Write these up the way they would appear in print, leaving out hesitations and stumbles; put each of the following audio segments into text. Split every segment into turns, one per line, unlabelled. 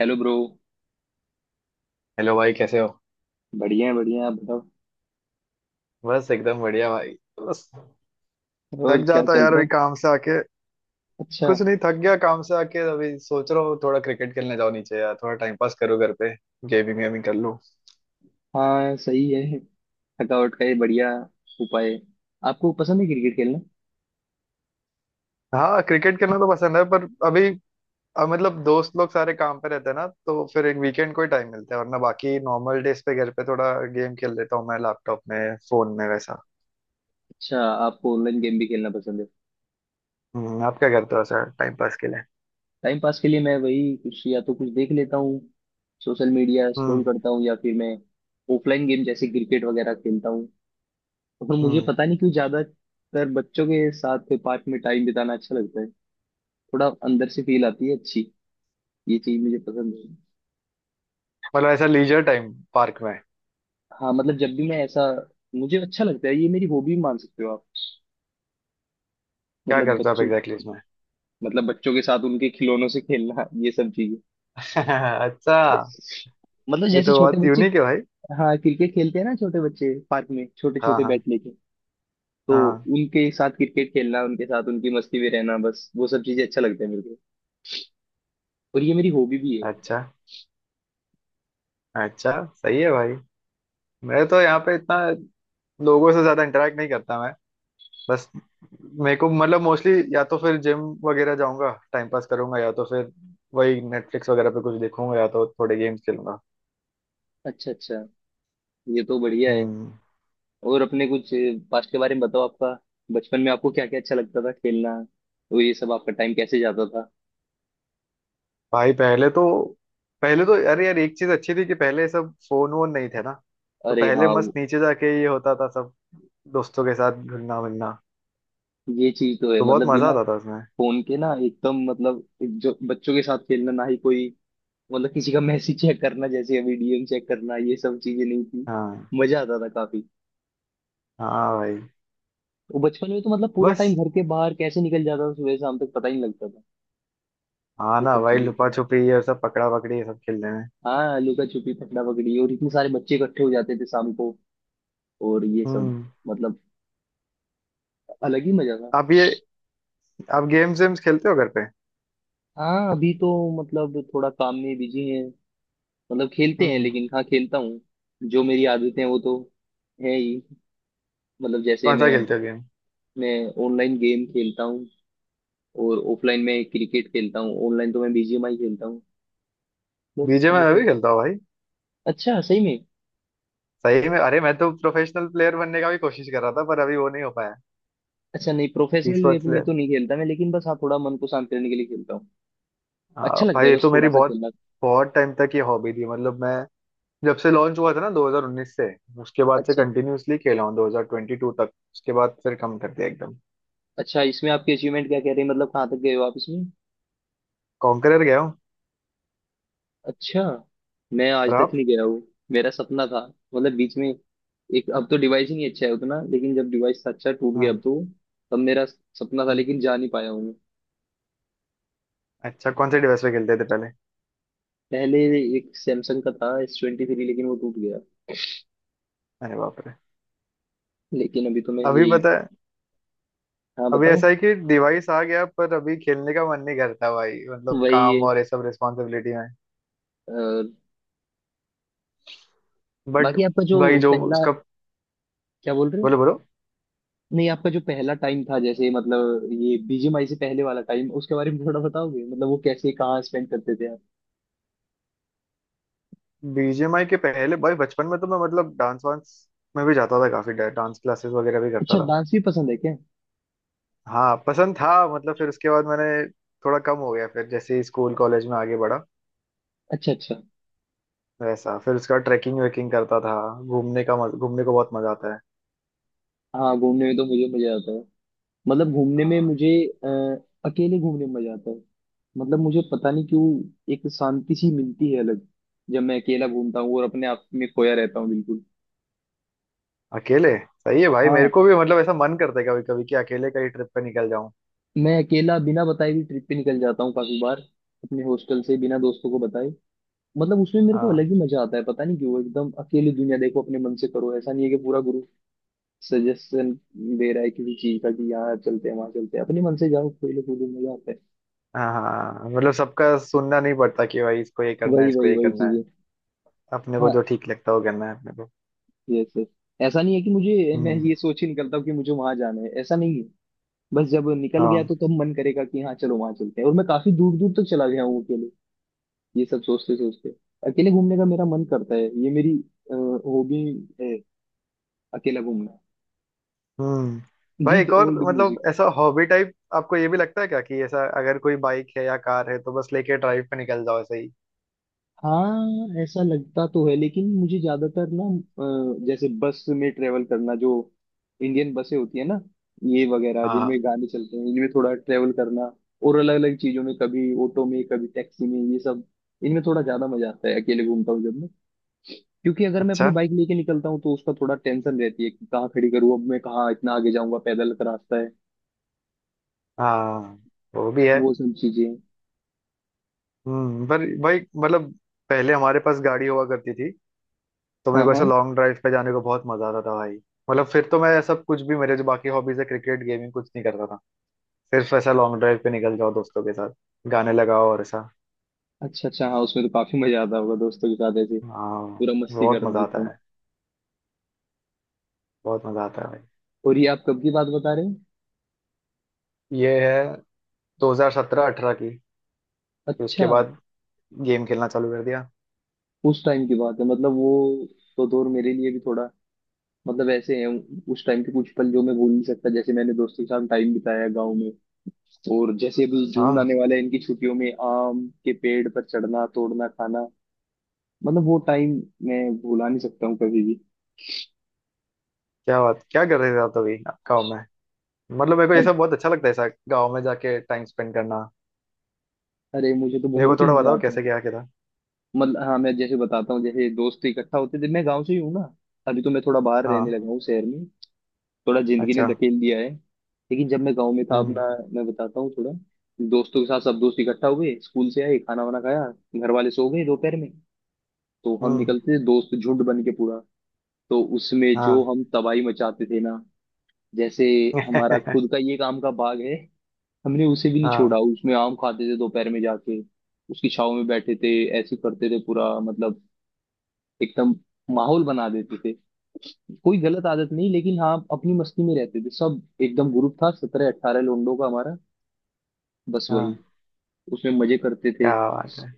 Hello bro.
Hello भाई, कैसे हो?
बढ़िया है, आप बताओ।
बस एकदम बढ़िया भाई। बस।
और
थक
क्या
जाता
चल
यार
रहा
अभी
है।
काम से आके।
अच्छा।
कुछ नहीं, थक गया काम से आके। अभी सोच रहा हूँ थोड़ा क्रिकेट खेलने जाओ नीचे, यार थोड़ा टाइम पास करो घर पे, गेमिंग वेमिंग कर लूँ।
हाँ सही है, थकावट का ये बढ़िया उपाय है। आपको पसंद है क्रिकेट खेलना?
हाँ, क्रिकेट खेलना तो पसंद है पर अभी, अब मतलब दोस्त लोग सारे काम पे रहते हैं ना, तो फिर एक वीकेंड को ही टाइम मिलता है, वरना बाकी नॉर्मल डेज पे घर पे थोड़ा गेम खेल लेता हूँ मैं लैपटॉप में, फोन में वैसा।
अच्छा। आपको ऑनलाइन गेम भी खेलना पसंद है?
हम्म। आप क्या करते हो ऐसा टाइम पास के लिए?
टाइम पास के लिए मैं वही कुछ या तो कुछ देख लेता हूँ, सोशल मीडिया स्क्रॉल
हम्म।
करता हूँ या फिर मैं ऑफलाइन गेम जैसे क्रिकेट वगैरह खेलता हूँ। और मुझे
हम्म।
पता नहीं क्यों ज्यादातर बच्चों के साथ पार्क में टाइम बिताना अच्छा लगता है, थोड़ा अंदर से फील आती है अच्छी। ये चीज मुझे पसंद है।
मतलब ऐसा लीजर टाइम पार्क में?
हाँ मतलब जब भी मैं ऐसा, मुझे अच्छा लगता है, ये मेरी हॉबी मान सकते हो आप।
क्या
मतलब
करते हो आप
बच्चों,
एग्जैक्टली इसमें?
मतलब बच्चों के साथ उनके खिलौनों से खेलना ये सब चीजें।
अच्छा।
मतलब
ये
जैसे
तो
छोटे
बहुत
बच्चे,
यूनिक है भाई।
हाँ क्रिकेट खेलते हैं ना छोटे बच्चे पार्क में छोटे
हाँ
छोटे
हाँ।
बैट लेके, तो
हाँ।
उनके साथ क्रिकेट खेलना, उनके साथ उनकी मस्ती में रहना, बस वो सब चीजें अच्छा लगता है मेरे को। और ये मेरी हॉबी भी है।
अच्छा। अच्छा सही है भाई। मैं तो यहाँ पे इतना लोगों से ज्यादा इंटरेक्ट नहीं करता मैं। बस, मेरे को मतलब मोस्टली या तो फिर जिम वगैरह जाऊंगा टाइम पास करूंगा, या तो फिर वही नेटफ्लिक्स वगैरह पे कुछ देखूंगा, या तो थोड़े गेम्स खेलूंगा।
अच्छा अच्छा, ये तो बढ़िया है।
हम्म।
और अपने कुछ पास्ट के बारे में बताओ आपका, बचपन में आपको क्या क्या अच्छा लगता था खेलना, तो ये सब आपका टाइम कैसे जाता था।
भाई पहले तो अरे यार, एक चीज अच्छी थी कि पहले सब फोन वोन नहीं थे ना, तो
अरे
पहले
हाँ,
मस्त नीचे जाके ये होता था सब, दोस्तों के साथ घुलना मिलना,
ये चीज तो है,
तो बहुत
मतलब
मजा
बिना
आता था उसमें।
फोन के ना एकदम, मतलब एक जो बच्चों के साथ खेलना, ना ही कोई, मतलब किसी का मैसेज चेक करना जैसे अभी डीएम चेक करना, ये सब चीजें नहीं थी।
हाँ।
मजा आता था काफी।
हाँ भाई।
वो बचपन में तो मतलब पूरा टाइम
बस।
घर के बाहर कैसे निकल जाता था, सुबह शाम तक पता ही नहीं लगता था।
हाँ
ये
ना
सब
भाई,
चीजें तो
लुपा
है।
छुपी ये सब, पकड़ा पकड़ी ये सब खेलने में।
हाँ लुका छुपी पकड़ा पकड़ी, और इतने सारे बच्चे इकट्ठे हो जाते थे शाम को, और ये सब,
हम्म।
मतलब अलग ही मजा था।
आप ये, आप गेम्स वेम्स खेलते हो घर पे?
हाँ अभी तो, मतलब थोड़ा काम में बिजी है, मतलब खेलते हैं
हम्म।
लेकिन, हाँ खेलता हूँ। जो मेरी आदतें हैं वो तो है ही, मतलब जैसे
कौन सा
मैं
खेलते हो गेम?
मैं ऑनलाइन गेम खेलता हूँ और ऑफलाइन में क्रिकेट खेलता हूँ। ऑनलाइन तो मैं बीजीएमआई खेलता हूँ, बस
बीजे में
ये
मैं भी
सब।
खेलता हूँ भाई।
अच्छा सही में।
सही में? अरे मैं तो प्रोफेशनल प्लेयर बनने का भी कोशिश कर रहा था, पर अभी वो नहीं हो पाया।
अच्छा नहीं,
ई
प्रोफेशनल वे
स्पोर्ट्स
में
प्लेयर।
तो नहीं खेलता मैं, लेकिन बस हाँ थोड़ा मन को शांत करने के लिए खेलता हूँ।
हाँ
अच्छा लगता
भाई,
है
ये
बस
तो मेरी
थोड़ा सा
बहुत,
खेलना।
बहुत टाइम तक ये हॉबी थी। मतलब मैं, जब से लॉन्च हुआ था ना 2019 से, उसके बाद से
अच्छा
कंटिन्यूअसली खेला हूँ 2022 तक, उसके बाद फिर कम कर दिया एकदम।
अच्छा, इसमें आपके अचीवमेंट क्या कह रहे हैं, मतलब कहाँ तक गए हो आप इसमें।
कॉन्करर गया हूँ।
अच्छा, मैं आज
और
तक
आप?
नहीं गया हूँ। मेरा सपना था, मतलब बीच में, एक, अब तो डिवाइस ही नहीं अच्छा है उतना, लेकिन जब डिवाइस अच्छा, टूट गया
हाँ।
अब तो, तब मेरा सपना था लेकिन जा नहीं पाया हूँ मैं।
अच्छा, कौन से डिवाइस पे खेलते थे पहले?
पहले एक सैमसंग का था, S23, लेकिन वो टूट गया।
अरे बाप रे।
लेकिन अभी तो मैं
अभी
ये,
पता है,
हाँ
अभी
बताओ।
ऐसा है कि डिवाइस आ गया, पर अभी खेलने का मन नहीं करता भाई, मतलब
वही
काम
है।
और ये सब रिस्पॉन्सिबिलिटी में।
और
बट।
बाकी आपका जो
भाई जो
पहला,
उसका।
क्या बोल रहे हो।
बोलो बोलो।
नहीं, आपका जो पहला टाइम था जैसे, मतलब ये बीजीएमआई से पहले वाला टाइम, उसके बारे में थोड़ा बताओगे, मतलब वो कैसे कहाँ स्पेंड करते थे आप।
बीजीएमआई के पहले भाई, बचपन में तो मैं मतलब डांस वांस में भी जाता था, काफी डांस क्लासेस वगैरह भी करता
अच्छा,
था।
डांस भी पसंद है क्या?
हाँ, पसंद था। मतलब फिर उसके बाद मैंने, थोड़ा कम हो गया फिर जैसे ही स्कूल कॉलेज में आगे बढ़ा,
अच्छा अच्छा।
वैसा। फिर उसका ट्रैकिंग वेकिंग करता था। घूमने को बहुत मजा आता है।
हाँ घूमने में तो मुझे मजा आता है, मतलब घूमने में
हाँ।
मुझे, अ, अकेले घूमने में मजा आता है। मतलब मुझे पता नहीं क्यों, एक शांति सी मिलती है अलग, जब मैं अकेला घूमता हूँ और अपने आप में खोया रहता हूँ बिल्कुल।
अकेले सही है भाई, मेरे
हाँ
को भी मतलब ऐसा मन करता है कभी कभी, कि अकेले कहीं ट्रिप पे निकल जाऊं।
मैं अकेला बिना बताए भी ट्रिप पे निकल जाता हूँ काफी बार, अपने हॉस्टल से बिना दोस्तों को बताए। मतलब उसमें मेरे को अलग
हाँ
ही मजा आता है, पता नहीं क्यों, एकदम अकेली दुनिया देखो, अपने मन से करो, ऐसा नहीं है कि पूरा ग्रुप सजेशन दे रहा है किसी चीज का कि यहाँ चलते हैं वहां चलते हैं, अपने मन से जाओ खेलो कूदो, मजा आता है।
हाँ। हाँ हाँ, मतलब सबका सुनना नहीं पड़ता कि भाई इसको ये करना है,
वही
इसको
वही
ये
वही
करना है।
चीजें।
अपने को
हाँ,
जो ठीक लगता है वो करना है अपने को।
Yes yes. ऐसा नहीं है कि मुझे, मैं
हम्म।
ये सोच ही निकलता हूँ कि मुझे वहां जाना है, ऐसा नहीं। बस जब निकल गया
हाँ।
तो तब मन करेगा कि हाँ चलो वहां चलते हैं, और मैं काफी दूर दूर तक चला गया हूँ अकेले, ये सब सोचते सोचते। अकेले घूमने का मेरा मन करता है, ये मेरी हॉबी है, अकेला घूमना,
हम्म। भाई
विद
एक और,
ओल्ड
मतलब
म्यूजिक।
ऐसा हॉबी टाइप आपको ये भी लगता है क्या, कि ऐसा अगर कोई बाइक है या कार है, तो बस लेके ड्राइव पे निकल जाओ ऐसे ही?
हाँ ऐसा लगता तो है, लेकिन मुझे ज्यादातर ना, जैसे बस में ट्रेवल करना, जो इंडियन बसें होती है ना, ये वगैरह, जिनमें
हाँ
गाने चलते हैं, इनमें थोड़ा ट्रेवल करना, और अलग अलग चीजों में, कभी ऑटो में, कभी टैक्सी में, ये सब, इनमें थोड़ा ज्यादा मजा आता है अकेले घूमता हूँ जब मैं। क्योंकि अगर मैं अपनी
अच्छा।
बाइक लेके निकलता हूँ तो उसका थोड़ा टेंशन रहती है कि कहाँ खड़ी करूँ, अब मैं कहाँ इतना आगे जाऊंगा, पैदल का रास्ता है।
हाँ, वो भी है।
वो सब चीजें।
हम्म। पर भाई मतलब पहले हमारे पास गाड़ी हुआ करती थी, तो मेरे
हाँ
को
हाँ,
ऐसे लॉन्ग ड्राइव पे जाने को बहुत मजा आता था भाई। मतलब फिर तो मैं सब कुछ भी, मेरे जो बाकी हॉबीज है क्रिकेट गेमिंग, कुछ नहीं करता था, सिर्फ ऐसा लॉन्ग ड्राइव पे निकल जाओ दोस्तों के साथ, गाने लगाओ और ऐसा।
अच्छा अच्छा, हाँ उसमें तो काफी मजा आता होगा दोस्तों के साथ ऐसे,
हाँ,
पूरा मस्ती
बहुत
करना
मजा आता
एकदम।
है। बहुत मजा आता है भाई।
और ये आप कब की बात बता रहे हैं?
ये है 2017-18 की। फिर
अच्छा,
उसके बाद गेम खेलना चालू कर दिया।
उस टाइम की बात है, मतलब वो तो दौर मेरे लिए भी थोड़ा, मतलब ऐसे है, उस टाइम के कुछ पल जो मैं भूल नहीं सकता, जैसे मैंने दोस्तों के साथ टाइम बिताया गाँव में, और जैसे अभी जून
हाँ।
आने वाला है इनकी छुट्टियों में, आम के पेड़ पर चढ़ना, तोड़ना, खाना, मतलब वो टाइम मैं भुला नहीं सकता हूँ कभी भी।
क्या बात, क्या कर रहे थे आप अभी गाँव में? मतलब मेरे को ये
अब
सब बहुत अच्छा लगता है, ऐसा गाँव में जाके टाइम स्पेंड करना।
अरे मुझे तो
मेरे को
बहुत ही
थोड़ा
मजा
बताओ,
आता है।
कैसे क्या किया था?
मतलब हाँ मैं जैसे बताता हूँ, जैसे दोस्त इकट्ठा होते थे, मैं गांव से ही हूँ ना, अभी तो मैं थोड़ा बाहर रहने
हाँ।
लगा हूँ शहर में, थोड़ा जिंदगी ने
अच्छा।
धकेल दिया है। लेकिन जब मैं गांव में था
हम्म।
अपना, मैं बताता हूँ थोड़ा, दोस्तों के साथ सब दोस्त इकट्ठा हुए, स्कूल से आए, खाना वाना खाया, घर वाले सो गए दोपहर में, तो हम
हम्म।
निकलते थे दोस्त झुंड बन के पूरा, तो उसमें जो
हाँ।
हम तबाही मचाते थे ना, जैसे, हमारा खुद का ये काम का बाग है, हमने उसे भी नहीं छोड़ा,
हाँ।
उसमें आम खाते थे दोपहर में जाके, उसकी छाव में बैठे थे, ऐसे करते थे पूरा मतलब, एकदम माहौल बना देते थे। कोई गलत आदत नहीं, लेकिन हाँ अपनी मस्ती में रहते थे सब, एकदम ग्रुप था 17-18 लोंडों का हमारा, बस
हाँ।
वही, उसमें मजे करते थे।
क्या बात है!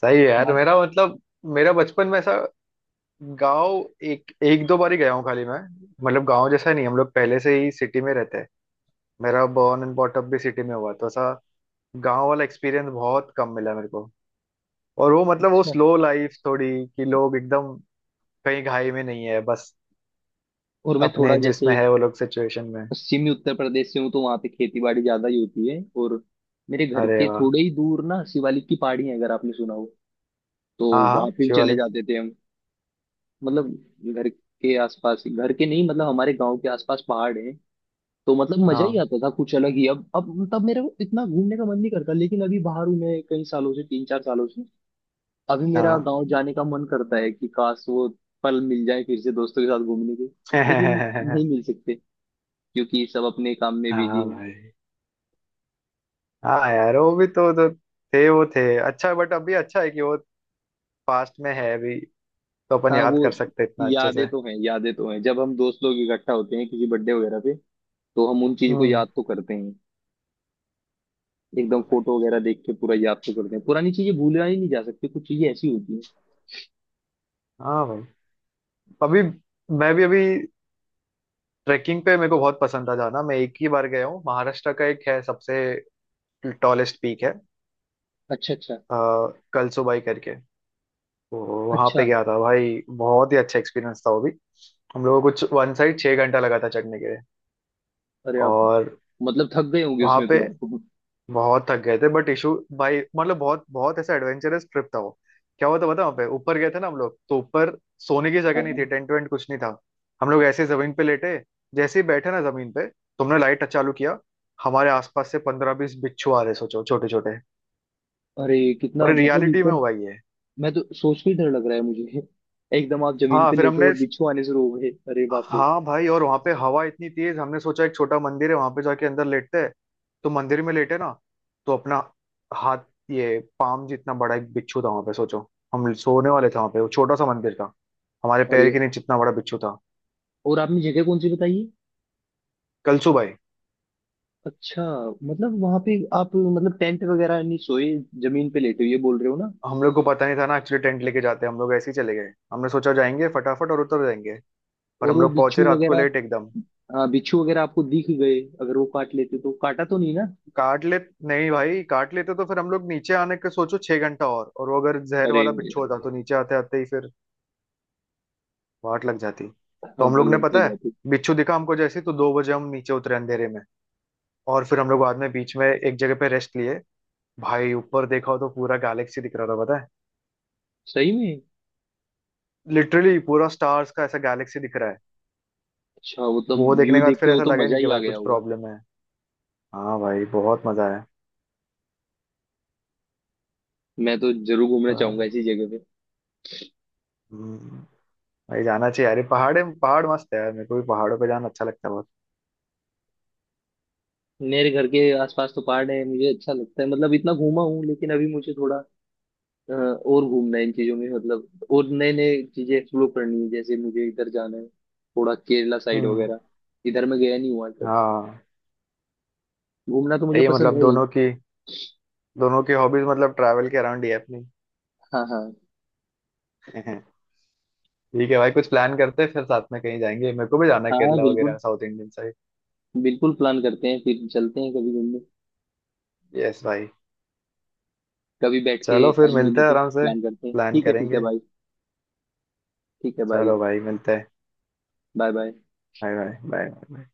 सही है यार।
बात-
मेरा मतलब, मेरा बचपन में ऐसा गांव, एक एक दो बार ही गया हूँ खाली मैं। मतलब गांव जैसा नहीं, हम लोग पहले से ही सिटी में रहते हैं। मेरा बॉर्न एंड बॉट अप भी सिटी में हुआ, तो ऐसा गांव वाला एक्सपीरियंस बहुत कम मिला मेरे को। और वो मतलब वो
अच्छा,
स्लो लाइफ थोड़ी, कि लोग एकदम कहीं घाई में नहीं है, बस
और मैं थोड़ा
अपने जिसमें
जैसे
है वो लोग सिचुएशन में।
पश्चिमी उत्तर प्रदेश से हूँ, तो वहाँ पे खेती बाड़ी ज्यादा ही होती है, और मेरे घर
अरे
के
वाह।
थोड़े ही दूर ना शिवालिक की पहाड़ी है, अगर आपने सुना हो, तो
हाँ हाँ,
वहां पे भी चले
शिवालिक।
जाते थे हम। मतलब घर के आसपास, घर के नहीं मतलब हमारे गांव के आसपास पहाड़ है, तो मतलब मजा ही
हाँ
आता था कुछ अलग ही। अब तब मेरा इतना घूमने का मन नहीं करता, लेकिन अभी बाहर हूं मैं कई सालों से, 3-4 सालों से, अभी मेरा
हाँ।
गांव जाने का मन करता है, कि काश वो पल मिल जाए फिर से दोस्तों के साथ घूमने के, लेकिन
हाँ
नहीं मिल सकते, क्योंकि सब अपने काम में बिजी हैं।
भाई। हाँ यार, वो भी तो थे, वो थे। अच्छा, बट अभी अच्छा है कि वो पास्ट में है, अभी तो अपन
हाँ
याद
वो
कर सकते हैं इतना अच्छे से।
यादें तो हैं, यादें तो हैं, जब हम दोस्त लोग इकट्ठा होते हैं किसी बर्थडे वगैरह पे, तो हम उन चीज को
हम्म।
याद तो करते हैं, एकदम
हाँ भाई।
फोटो वगैरह देख के पूरा याद तो करते हैं, पुरानी चीजें भूला ही नहीं जा सकती, कुछ चीजें ऐसी होती हैं।
हाँ भाई। अभी मैं भी अभी, ट्रैकिंग पे मेरे को बहुत पसंद था जाना। मैं एक ही बार गया हूँ, महाराष्ट्र का एक है सबसे टॉलेस्ट पीक है,
अच्छा अच्छा।
आ, कलसुबाई करके, तो वहां पे
अच्छा
गया था भाई। बहुत ही अच्छा एक्सपीरियंस था वो भी। हम लोगों को कुछ वन साइड 6 घंटा लगा था चढ़ने के लिए,
अरे, आप
और
मतलब थक गए
हाँ।
होंगे
वहां
उसमें
पे
तो आपको।
बहुत थक गए थे, बट इशू भाई, मतलब बहुत बहुत ऐसा एडवेंचरस ट्रिप था वो। क्या हुआ था पता है, वहाँ पे ऊपर गए थे ना हम लोग, तो ऊपर सोने की
हाँ
जगह नहीं थी,
हाँ।
टेंट वेंट कुछ नहीं था। हम लोग ऐसे जमीन पे लेटे, जैसे ही बैठे ना जमीन पे, तुमने लाइट चालू किया, हमारे आसपास से 15-20 बिच्छू आ रहे, सोचो, छोटे छोटे।
अरे कितना,
और
मतलब
रियलिटी में
एकदम,
हुआ ये।
मैं तो सोच के ही डर लग रहा है मुझे एकदम आप जमीन
हाँ
पे
फिर
लेटे
हमने,
और बिच्छू आने शुरू हो गए, अरे बाप रे।
हाँ भाई, और वहां पे हवा इतनी तेज, हमने सोचा एक छोटा मंदिर है वहां पे, जाके अंदर लेटते हैं। तो मंदिर में लेटे ना, तो अपना हाथ, ये पाम जितना बड़ा एक बिच्छू था वहां पे, सोचो। हम सोने वाले थे वहां पे, वो छोटा सा मंदिर था, हमारे पैर
अरे,
के नीचे इतना बड़ा बिच्छू था।
और आपने जगह कौन सी बताई है?
कलसू भाई।
अच्छा, मतलब वहां पे आप, मतलब टेंट वगैरह नहीं सोए, जमीन पे लेटे हो, ये बोल रहे हो ना।
हम लोग को पता नहीं था ना एक्चुअली टेंट लेके जाते हैं, हम लोग ऐसे ही चले गए, हमने सोचा जाएंगे फटाफट और उतर जाएंगे, पर
और
हम
वो
लोग पहुंचे
बिच्छू
रात को
वगैरह,
लेट एकदम।
हाँ बिच्छू वगैरह आपको दिख गए, अगर वो काट लेते, तो काटा तो नहीं ना।
काट ले। नहीं भाई, काट लेते तो फिर हम लोग नीचे आने के, सोचो, 6 घंटा, और वो अगर जहर
अरे,
वाला बिच्छू होता, तो नीचे आते आते ही फिर वाट लग जाती।
हाँ
तो हम
वो
लोग ने
लग तो
पता है,
जाती।
बिच्छू दिखा हमको जैसे ही, तो 2 बजे हम नीचे उतरे अंधेरे में। और फिर हम लोग बाद में बीच में एक जगह पे रेस्ट लिए। भाई ऊपर देखा हो तो पूरा गैलेक्सी दिख रहा था पता है,
सही में।
लिटरली पूरा स्टार्स का ऐसा गैलेक्सी दिख रहा है।
अच्छा, वो तो
वो देखने
व्यू
के बाद
देख के
फिर
वो
ऐसा
तो
लगे
मजा
नहीं कि
ही आ
भाई
गया
कुछ
होगा।
प्रॉब्लम है। हाँ भाई, बहुत मजा है।
मैं तो जरूर घूमना चाहूंगा ऐसी जगह पे।
हम्म। भाई जाना चाहिए यार, ये पहाड़े पहाड़ मस्त है यार, मेरे को भी पहाड़ों पे जाना अच्छा लगता है बहुत।
मेरे घर के आसपास तो पहाड़ है, मुझे अच्छा लगता है, मतलब इतना घूमा हूँ, लेकिन अभी मुझे थोड़ा, और घूमना है इन चीजों में, मतलब और नए नए चीजें एक्सप्लोर करनी है, जैसे मुझे इधर जाना है थोड़ा केरला साइड
हम्म।
वगैरह, इधर मैं गया नहीं हुआ तक,
हाँ।
घूमना तो मुझे
ये
पसंद
मतलब
है ही।
दोनों की, दोनों की हॉबीज मतलब ट्रैवल के अराउंड ही है अपनी।
हाँ हाँ।
ठीक है भाई, कुछ प्लान करते हैं, फिर साथ में कहीं जाएंगे, मेरे को भी जाना है
हाँ हाँ
केरला वगैरह
बिल्कुल,
साउथ इंडियन साइड।
बिल्कुल प्लान करते हैं, फिर चलते हैं कभी घूमने,
यस भाई।
कभी बैठ के
चलो फिर
टाइम
मिलते
मिले
हैं
तो
आराम से।
प्लान करते हैं।
प्लान
ठीक है
करेंगे।
भाई। ठीक है भाई।
चलो भाई, मिलते हैं।
Bye bye.
Bye bye bye.